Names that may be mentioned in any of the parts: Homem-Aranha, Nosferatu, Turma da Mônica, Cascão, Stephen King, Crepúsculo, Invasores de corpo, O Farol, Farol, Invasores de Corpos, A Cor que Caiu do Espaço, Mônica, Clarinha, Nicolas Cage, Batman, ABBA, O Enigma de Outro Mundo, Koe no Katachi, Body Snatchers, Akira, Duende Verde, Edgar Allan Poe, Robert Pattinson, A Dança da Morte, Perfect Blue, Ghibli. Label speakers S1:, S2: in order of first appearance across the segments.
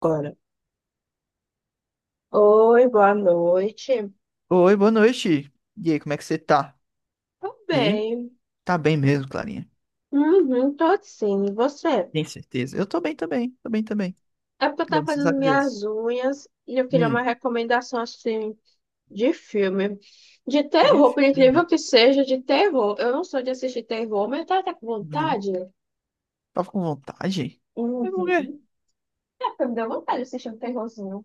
S1: Agora. Oi, boa noite.
S2: Oi, boa noite. E aí, como é que você tá?
S1: Tô
S2: E aí?
S1: bem.
S2: Tá bem mesmo, Clarinha?
S1: Uhum, tô sim. E você?
S2: Tem certeza? Eu tô bem também, tô bem também.
S1: É porque eu tava
S2: Graças a
S1: fazendo
S2: Deus.
S1: minhas unhas e eu queria
S2: Hum,
S1: uma recomendação assim de filme. De terror,
S2: difícil
S1: por
S2: também.
S1: incrível que seja, de terror. Eu não sou de assistir terror, mas eu tava até com
S2: Uhum.
S1: vontade.
S2: Tava com vontade? Mas por quê?
S1: Uhum. É, porque me deu vontade de assistir um terrorzinho.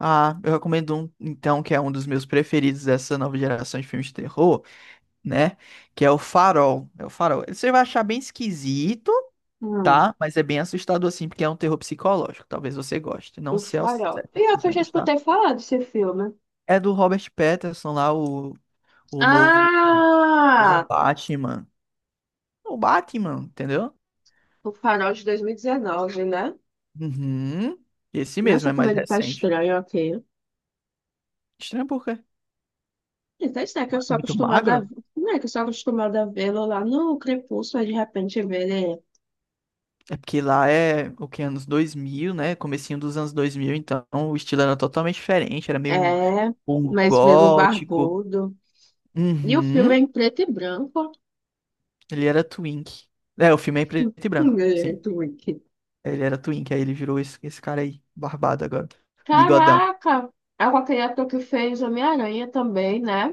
S2: Ah, eu recomendo um, então, que é um dos meus preferidos dessa nova geração de filmes de terror, né? Que é o Farol. É o Farol. Você vai achar bem esquisito,
S1: Hum,
S2: tá? Mas é bem assustador assim, porque é um terror psicológico. Talvez você goste. Não
S1: o
S2: sei ao
S1: Farol.
S2: certo se
S1: Pior que
S2: você
S1: eu
S2: vai
S1: já
S2: gostar.
S1: escutei falar desse filme.
S2: É do Robert Pattinson lá, o Novo
S1: Ah!
S2: Batman. O Batman, entendeu?
S1: O Farol de 2019, né?
S2: Uhum. Esse mesmo,
S1: Nossa,
S2: é
S1: como
S2: mais
S1: ele tá
S2: recente.
S1: estranho aqui.
S2: Estranho por quê?
S1: Então, isso é que eu sou
S2: Muito
S1: acostumada a...
S2: magro?
S1: Não é que eu sou acostumada a vê-lo lá no Crepúsculo, aí de repente vê ele
S2: É porque lá é o que, anos 2000, né? Comecinho dos anos 2000, então o estilo era totalmente diferente. Era meio um,
S1: é
S2: um
S1: mas vê-lo
S2: gótico.
S1: barbudo. E o filme
S2: Uhum.
S1: é em preto e branco.
S2: Ele era twink. É, o filme é em preto e branco, sim.
S1: Muito wicked.
S2: Ele era twink, aí ele virou esse cara aí, barbado agora. Bigodão.
S1: Caraca! É com aquele ator que fez Homem-Aranha também, né?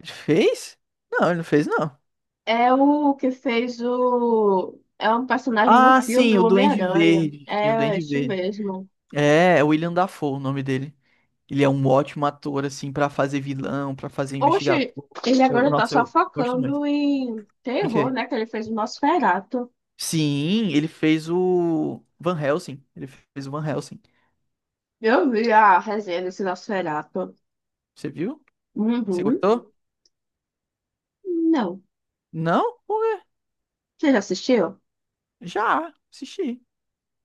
S2: Ele fez? Não, ele não fez, não.
S1: É o que fez o... É um personagem no
S2: Ah,
S1: filme,
S2: sim,
S1: o
S2: o Duende
S1: Homem-Aranha.
S2: Verde. Sim, o
S1: É
S2: Duende
S1: isso
S2: Verde.
S1: mesmo.
S2: É, é o William Dafoe o nome dele. Ele é um ótimo ator, assim, pra fazer vilão, pra fazer investigador.
S1: Oxe, ele agora tá
S2: Nossa,
S1: só
S2: eu gosto muito.
S1: focando em
S2: O
S1: terror,
S2: quê?
S1: né? Que ele fez o Nosferatu.
S2: Sim, ele fez o Van Helsing. Ele fez o Van Helsing.
S1: Eu vi a resenha desse Nosferatu.
S2: Você viu? Você
S1: Uhum.
S2: gostou?
S1: Não.
S2: Não? Por quê?
S1: Você já assistiu?
S2: Já assisti.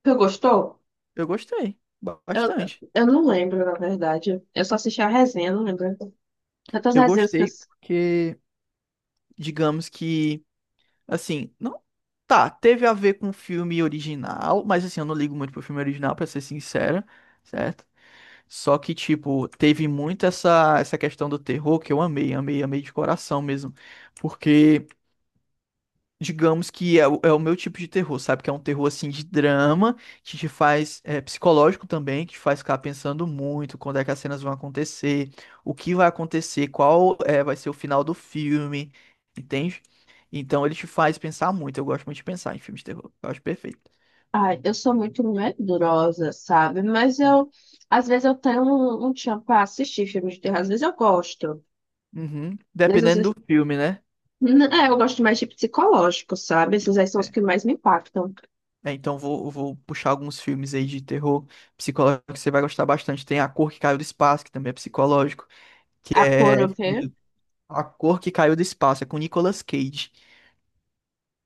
S1: Você gostou?
S2: Eu gostei.
S1: Eu,
S2: Bastante.
S1: eu não lembro, na verdade. Eu só assisti a resenha, não lembro. Tantas
S2: Eu
S1: resenhas que eu...
S2: gostei
S1: s-
S2: porque, digamos que, assim, não. Tá, teve a ver com o filme original, mas assim, eu não ligo muito pro filme original, pra ser sincero, certo? Só que, tipo, teve muito essa questão do terror que eu amei, amei, amei de coração mesmo. Porque, digamos que é, é o meu tipo de terror, sabe? Que é um terror, assim, de drama, que te faz, é, psicológico também, que te faz ficar pensando muito quando é que as cenas vão acontecer, o que vai acontecer, qual é, vai ser o final do filme, entende? Então, ele te faz pensar muito. Eu gosto muito de pensar em filmes de terror. Eu acho perfeito.
S1: Ai, eu sou muito medrosa, sabe? Mas eu... Às vezes eu tenho um tchan pra assistir filmes de terror. Às vezes eu gosto.
S2: Uhum.
S1: Mas às vezes...
S2: Dependendo do filme, né?
S1: N- É, eu gosto mais de psicológico, sabe? Esses aí são os que mais me impactam.
S2: É, então vou puxar alguns filmes aí de terror psicológico que você vai gostar bastante. Tem A Cor que Caiu do Espaço, que também é psicológico, que
S1: A cor, o
S2: é
S1: quê?
S2: A Cor que Caiu do Espaço, é com Nicolas Cage.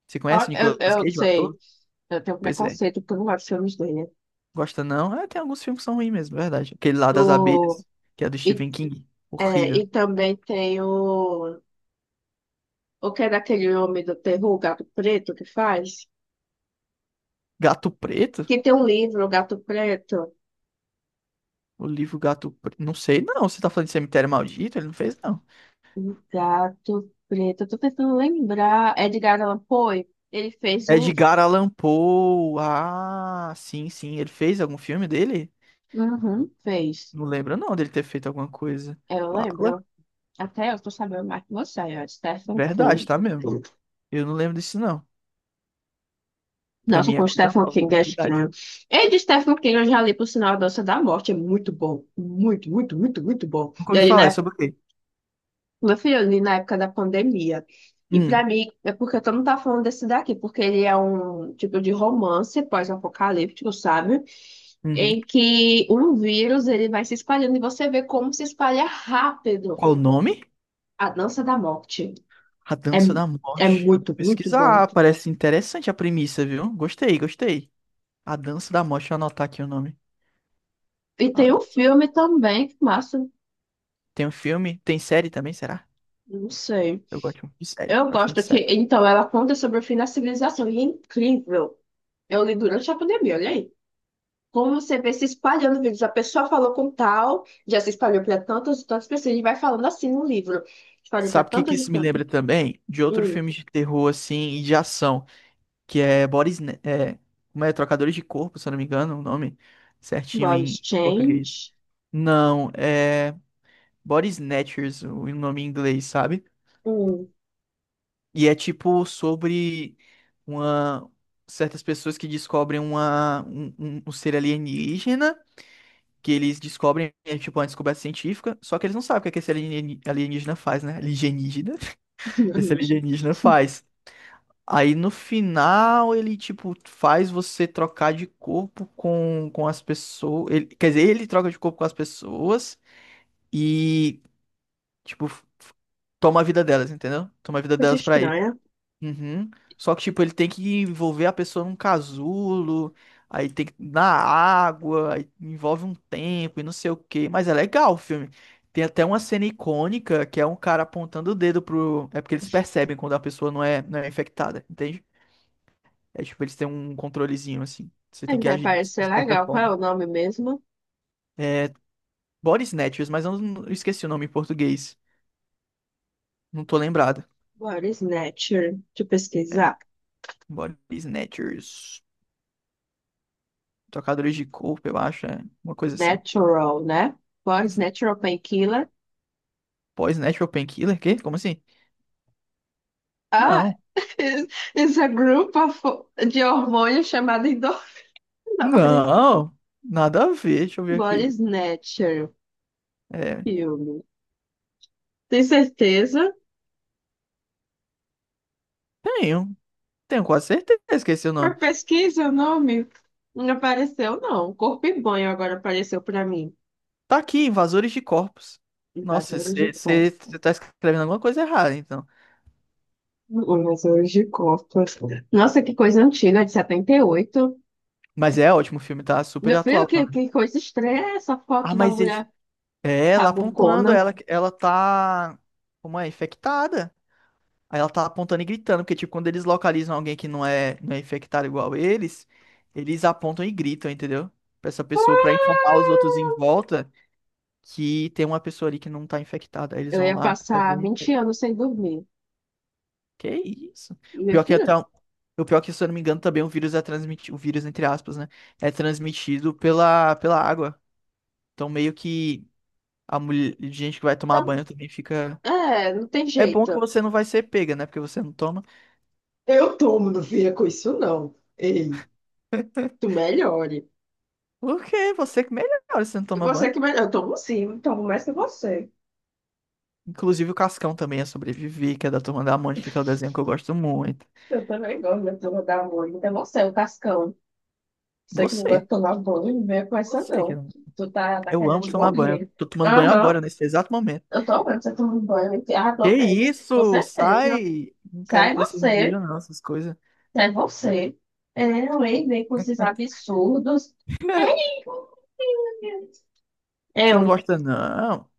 S2: Você
S1: Ó,
S2: conhece o Nicolas Cage, o
S1: Sei.
S2: ator?
S1: Eu tenho
S2: Pois é.
S1: preconceito porque eu não gosto de filmes dele.
S2: Gosta não? É, tem alguns filmes que são ruins mesmo, é verdade. Aquele lá das
S1: O
S2: abelhas, que é do
S1: E,
S2: Stephen King.
S1: é,
S2: Horrível.
S1: e também tem o que é daquele homem do terror, o Gato Preto, que faz?
S2: Gato Preto?
S1: Que tem um livro, o Gato Preto.
S2: O livro Gato Preto. Não sei, não. Você tá falando de Cemitério Maldito? Ele não fez, não.
S1: O Gato Preto, eu tô tentando lembrar. Edgar Allan Poe, ele fez um.
S2: Edgar Allan Poe. Ah, sim, sim. Ele fez algum filme dele?
S1: Uhum, fez.
S2: Não lembro não dele ter feito alguma coisa.
S1: Eu
S2: Fala.
S1: lembro. Até eu tô sabendo mais que você, ó, Stephen
S2: Verdade,
S1: King.
S2: tá mesmo. Eu não lembro disso não. Pra
S1: Nossa,
S2: mim é
S1: com
S2: coisa
S1: Stephen
S2: nova,
S1: King
S2: é
S1: é
S2: novidade.
S1: estranho. E de Stephen King eu já li, por sinal, A Dança da Morte. É muito bom. Muito, muito, muito, muito bom.
S2: Nunca
S1: E
S2: ouvi
S1: aí,
S2: falar, é
S1: na
S2: sobre o quê?
S1: Meu filho, eu li na época da pandemia. E pra
S2: Hum,
S1: mim, é porque todo mundo tá falando desse daqui, porque ele é um tipo de romance pós-apocalíptico, sabe?
S2: uhum.
S1: Em que um vírus ele vai se espalhando e você vê como se espalha rápido
S2: Qual o nome?
S1: a dança da morte.
S2: A
S1: É,
S2: Dança da
S1: é
S2: Morte. Vou
S1: muito, muito bom.
S2: pesquisar, parece interessante a premissa, viu? Gostei, gostei. A Dança da Morte, deixa eu anotar aqui o nome.
S1: E
S2: A
S1: tem um
S2: Dança.
S1: filme também, que massa,
S2: Tem um filme, tem série também, será?
S1: não sei.
S2: Eu gosto muito de série,
S1: Eu
S2: gosto muito
S1: gosto
S2: de
S1: que,
S2: série.
S1: então, ela conta sobre o fim da civilização e é incrível. Eu li durante a pandemia, olha aí. Como você vê se espalhando vídeos? A pessoa falou com tal, já se espalhou para tantas e tantas pessoas, e vai falando assim no livro. Espalhou para
S2: Sabe o que que
S1: tantas e
S2: isso me
S1: tantas.
S2: lembra também? De outro
S1: Hum,
S2: filme de terror, assim, e de ação. Que é Boris, como é, Trocadores de Corpo, se eu não me engano, o nome certinho
S1: body
S2: em português.
S1: change.
S2: Não, é Body Snatchers, o nome em inglês, sabe?
S1: Hum,
S2: E é tipo sobre uma certas pessoas que descobrem uma, um ser alienígena, que eles descobrem, é tipo uma descoberta científica, só que eles não sabem o que é que esse alienígena faz, né? Alienígena. Esse alienígena faz. Aí no final ele tipo faz você trocar de corpo com as pessoas. Ele, quer dizer, ele troca de corpo com as pessoas e tipo toma a vida delas, entendeu? Toma a vida
S1: coisa
S2: delas pra ele.
S1: estranha.
S2: Uhum. Só que tipo ele tem que envolver a pessoa num casulo, aí tem que na água, aí envolve um tempo e não sei o quê. Mas é legal o filme. Tem até uma cena icônica que é um cara apontando o dedo pro. É porque eles percebem quando a pessoa não é infectada, entende? É tipo, eles têm um controlezinho assim. Você
S1: É,
S2: tem que
S1: vai
S2: agir
S1: parecer
S2: de certa
S1: legal. Qual é
S2: forma.
S1: o nome mesmo?
S2: É Body Snatchers, mas eu não eu esqueci o nome em português. Não tô lembrado.
S1: Body Snatcher. Deixa eu
S2: É,
S1: pesquisar.
S2: Body Snatchers. Trocadores de corpo, eu acho. É uma coisa assim.
S1: Natural, né? Body
S2: Sn-
S1: Natural Painkiller.
S2: Boy Snatcher ou Painkiller? Quê? Como assim?
S1: Ah,
S2: Não.
S1: it's a group of, de hormônios chamado endorfina.
S2: Não. Nada a ver. Deixa eu ver aqui.
S1: Body Snatcher.
S2: É,
S1: Filme. Tem certeza?
S2: tenho. Tenho quase certeza que esqueci o
S1: Por
S2: nome.
S1: pesquisa, o nome não apareceu, não. Corpo e banho agora apareceu para mim.
S2: Tá aqui, Invasores de Corpos. Nossa,
S1: Invasores de corpo.
S2: você tá escrevendo alguma coisa errada, então.
S1: Invasores de corpo. Nossa, que coisa antiga, de 78.
S2: Mas é ótimo o filme, tá super
S1: Meu filho,
S2: atual
S1: que,
S2: também.
S1: que coisa estranha essa foto
S2: Ah,
S1: da
S2: mas esse-
S1: mulher
S2: É, ela apontando,
S1: cabucona.
S2: ela tá, como é, infectada. Aí ela tá apontando e gritando, porque, tipo, quando eles localizam alguém que não é infectado igual eles, eles apontam e gritam, entendeu? Pra essa pessoa, pra informar os outros em
S1: Ah!
S2: volta que tem uma pessoa ali que não tá infectada. Aí eles
S1: Eu
S2: vão
S1: ia
S2: lá.
S1: passar
S2: Pegam.
S1: 20 anos sem dormir.
S2: Que isso?
S1: E
S2: O
S1: meu
S2: pior que é
S1: filho,
S2: até, o pior que, se eu não me engano, também o vírus é transmitido, o vírus, entre aspas, né? É transmitido pela água. Então, meio que a mulher, gente que vai tomar
S1: não.
S2: banho também fica.
S1: É, não tem
S2: É bom que
S1: jeito.
S2: você não vai ser pega, né? Porque você não toma.
S1: Eu tomo, não fica com isso, não. Ei, tu melhore.
S2: Porque você que melhora se você não toma
S1: Você
S2: banho.
S1: que melhor. Eu tomo sim, eu tomo mais que você.
S2: Inclusive o Cascão também é sobreviver, que é da Turma da Mônica, que é o desenho que eu gosto muito.
S1: Eu também gosto da turma da Mônica. É você, o Cascão. Você que não gosta de
S2: Você.
S1: tomar banho, não venha com essa
S2: Você que
S1: não.
S2: não.
S1: Tu tá
S2: Eu amo
S1: querendo
S2: tomar banho. Eu
S1: morrer.
S2: tô tomando banho
S1: Aham.
S2: agora, nesse exato momento.
S1: Eu tô vendo você tomando banho. Ah,
S2: Que
S1: tô mesmo. Com
S2: isso?
S1: certeza.
S2: Sai! Não quero
S1: Sai
S2: que você me
S1: você.
S2: veja, não, essas coisas.
S1: Sai você. É, eu vem com esses absurdos. Ai, meu Deus.
S2: Você não
S1: Eu.
S2: gosta, não.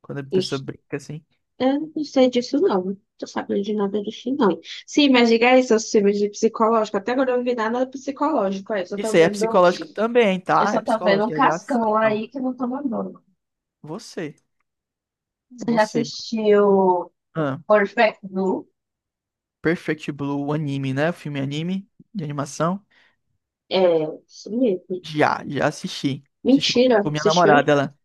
S2: Quando a pessoa brinca assim.
S1: Eu não sei disso, não. Não tô sabendo de nada disso, não. Sim, mas diga isso, os filmes de psicológico. Até agora eu não vi nada psicológico. É.
S2: Isso aí é psicológico também,
S1: Eu
S2: tá? É
S1: só tô vendo um
S2: psicológico, é de
S1: cascão
S2: ação.
S1: aí que não toma banho.
S2: Você.
S1: Você já
S2: Você.
S1: assistiu Perfect Blue?
S2: Perfect Blue, o anime, né? O filme anime de animação.
S1: É, isso mesmo.
S2: Já, já assisti. Assisti
S1: Mentira,
S2: com minha
S1: assistiu?
S2: namorada, ela.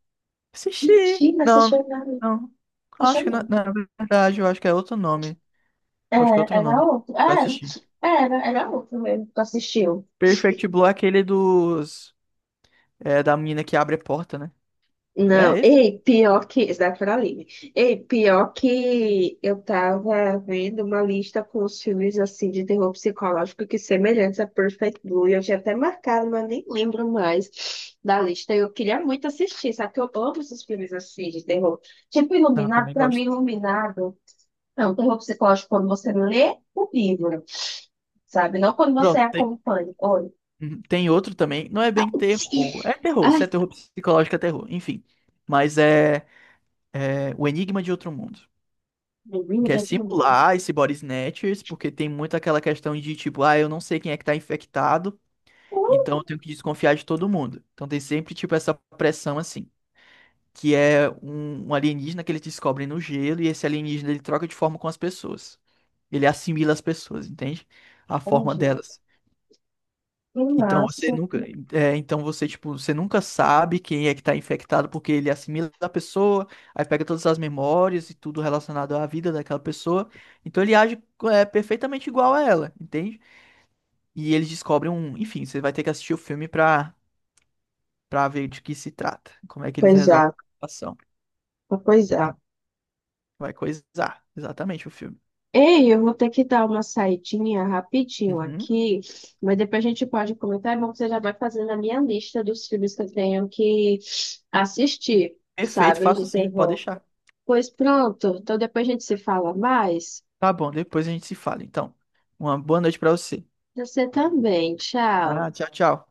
S2: Assisti.
S1: Mentira, assistiu
S2: Não,
S1: nada.
S2: não.
S1: Assistiu
S2: Acho que na,
S1: não.
S2: na verdade, eu acho que é outro nome.
S1: É,
S2: Acho que é outro
S1: era
S2: nome.
S1: outro.
S2: Eu
S1: É,
S2: assisti.
S1: era outro mesmo que assistiu.
S2: Perfect Blue é aquele dos. É, da menina que abre a porta, né? É
S1: Não,
S2: esse?
S1: ei, pior que. Esse daqui era livre. Ei, pior que eu tava vendo uma lista com os filmes assim de terror psicológico que semelhantes a Perfect Blue. Eu tinha até marcado, mas nem lembro mais da lista. Eu queria muito assistir, sabe? Que eu amo esses filmes assim de terror. Tipo,
S2: Não, eu
S1: Iluminado,
S2: também
S1: pra mim,
S2: gosto.
S1: Iluminado. É um terror psicológico quando você lê o livro, sabe? Não quando você
S2: Pronto, tem.
S1: acompanha. Olha.
S2: Uhum, tem outro também. Não é bem terror. É terror.
S1: Ai,
S2: Se é terror psicológico, é terror. Enfim. Mas é, é O Enigma de Outro Mundo.
S1: meu Deus,
S2: Quer
S1: já terminou.
S2: simular esse body snatchers, porque tem muito aquela questão de tipo, ah, eu não sei quem é que tá infectado, então eu tenho que desconfiar de todo mundo. Então tem sempre tipo essa pressão assim, que é um alienígena que eles descobrem no gelo e esse alienígena ele troca de forma com as pessoas. Ele assimila as pessoas, entende? A forma delas. Então você
S1: Nossa.
S2: nunca, é, então você tipo, você nunca sabe quem é que tá infectado porque ele assimila a pessoa, aí pega todas as memórias e tudo relacionado à vida daquela pessoa. Então ele age é, perfeitamente igual a ela, entende? E eles descobrem um, enfim, você vai ter que assistir o filme para ver de que se trata, como é que eles
S1: Pois
S2: resolvem
S1: é,
S2: a situação.
S1: pois é.
S2: Vai coisar, exatamente o filme.
S1: Ei, eu vou ter que dar uma saidinha rapidinho
S2: Uhum.
S1: aqui, mas depois a gente pode comentar. É bom que você já vai fazendo a minha lista dos filmes que eu tenho que assistir,
S2: Perfeito,
S1: sabe,
S2: faço
S1: de
S2: sim, pode
S1: terror.
S2: deixar.
S1: Pois pronto, então depois a gente se fala mais.
S2: Tá bom, depois a gente se fala, então. Uma boa noite pra você.
S1: Você também, tchau.
S2: Ah, tchau, tchau.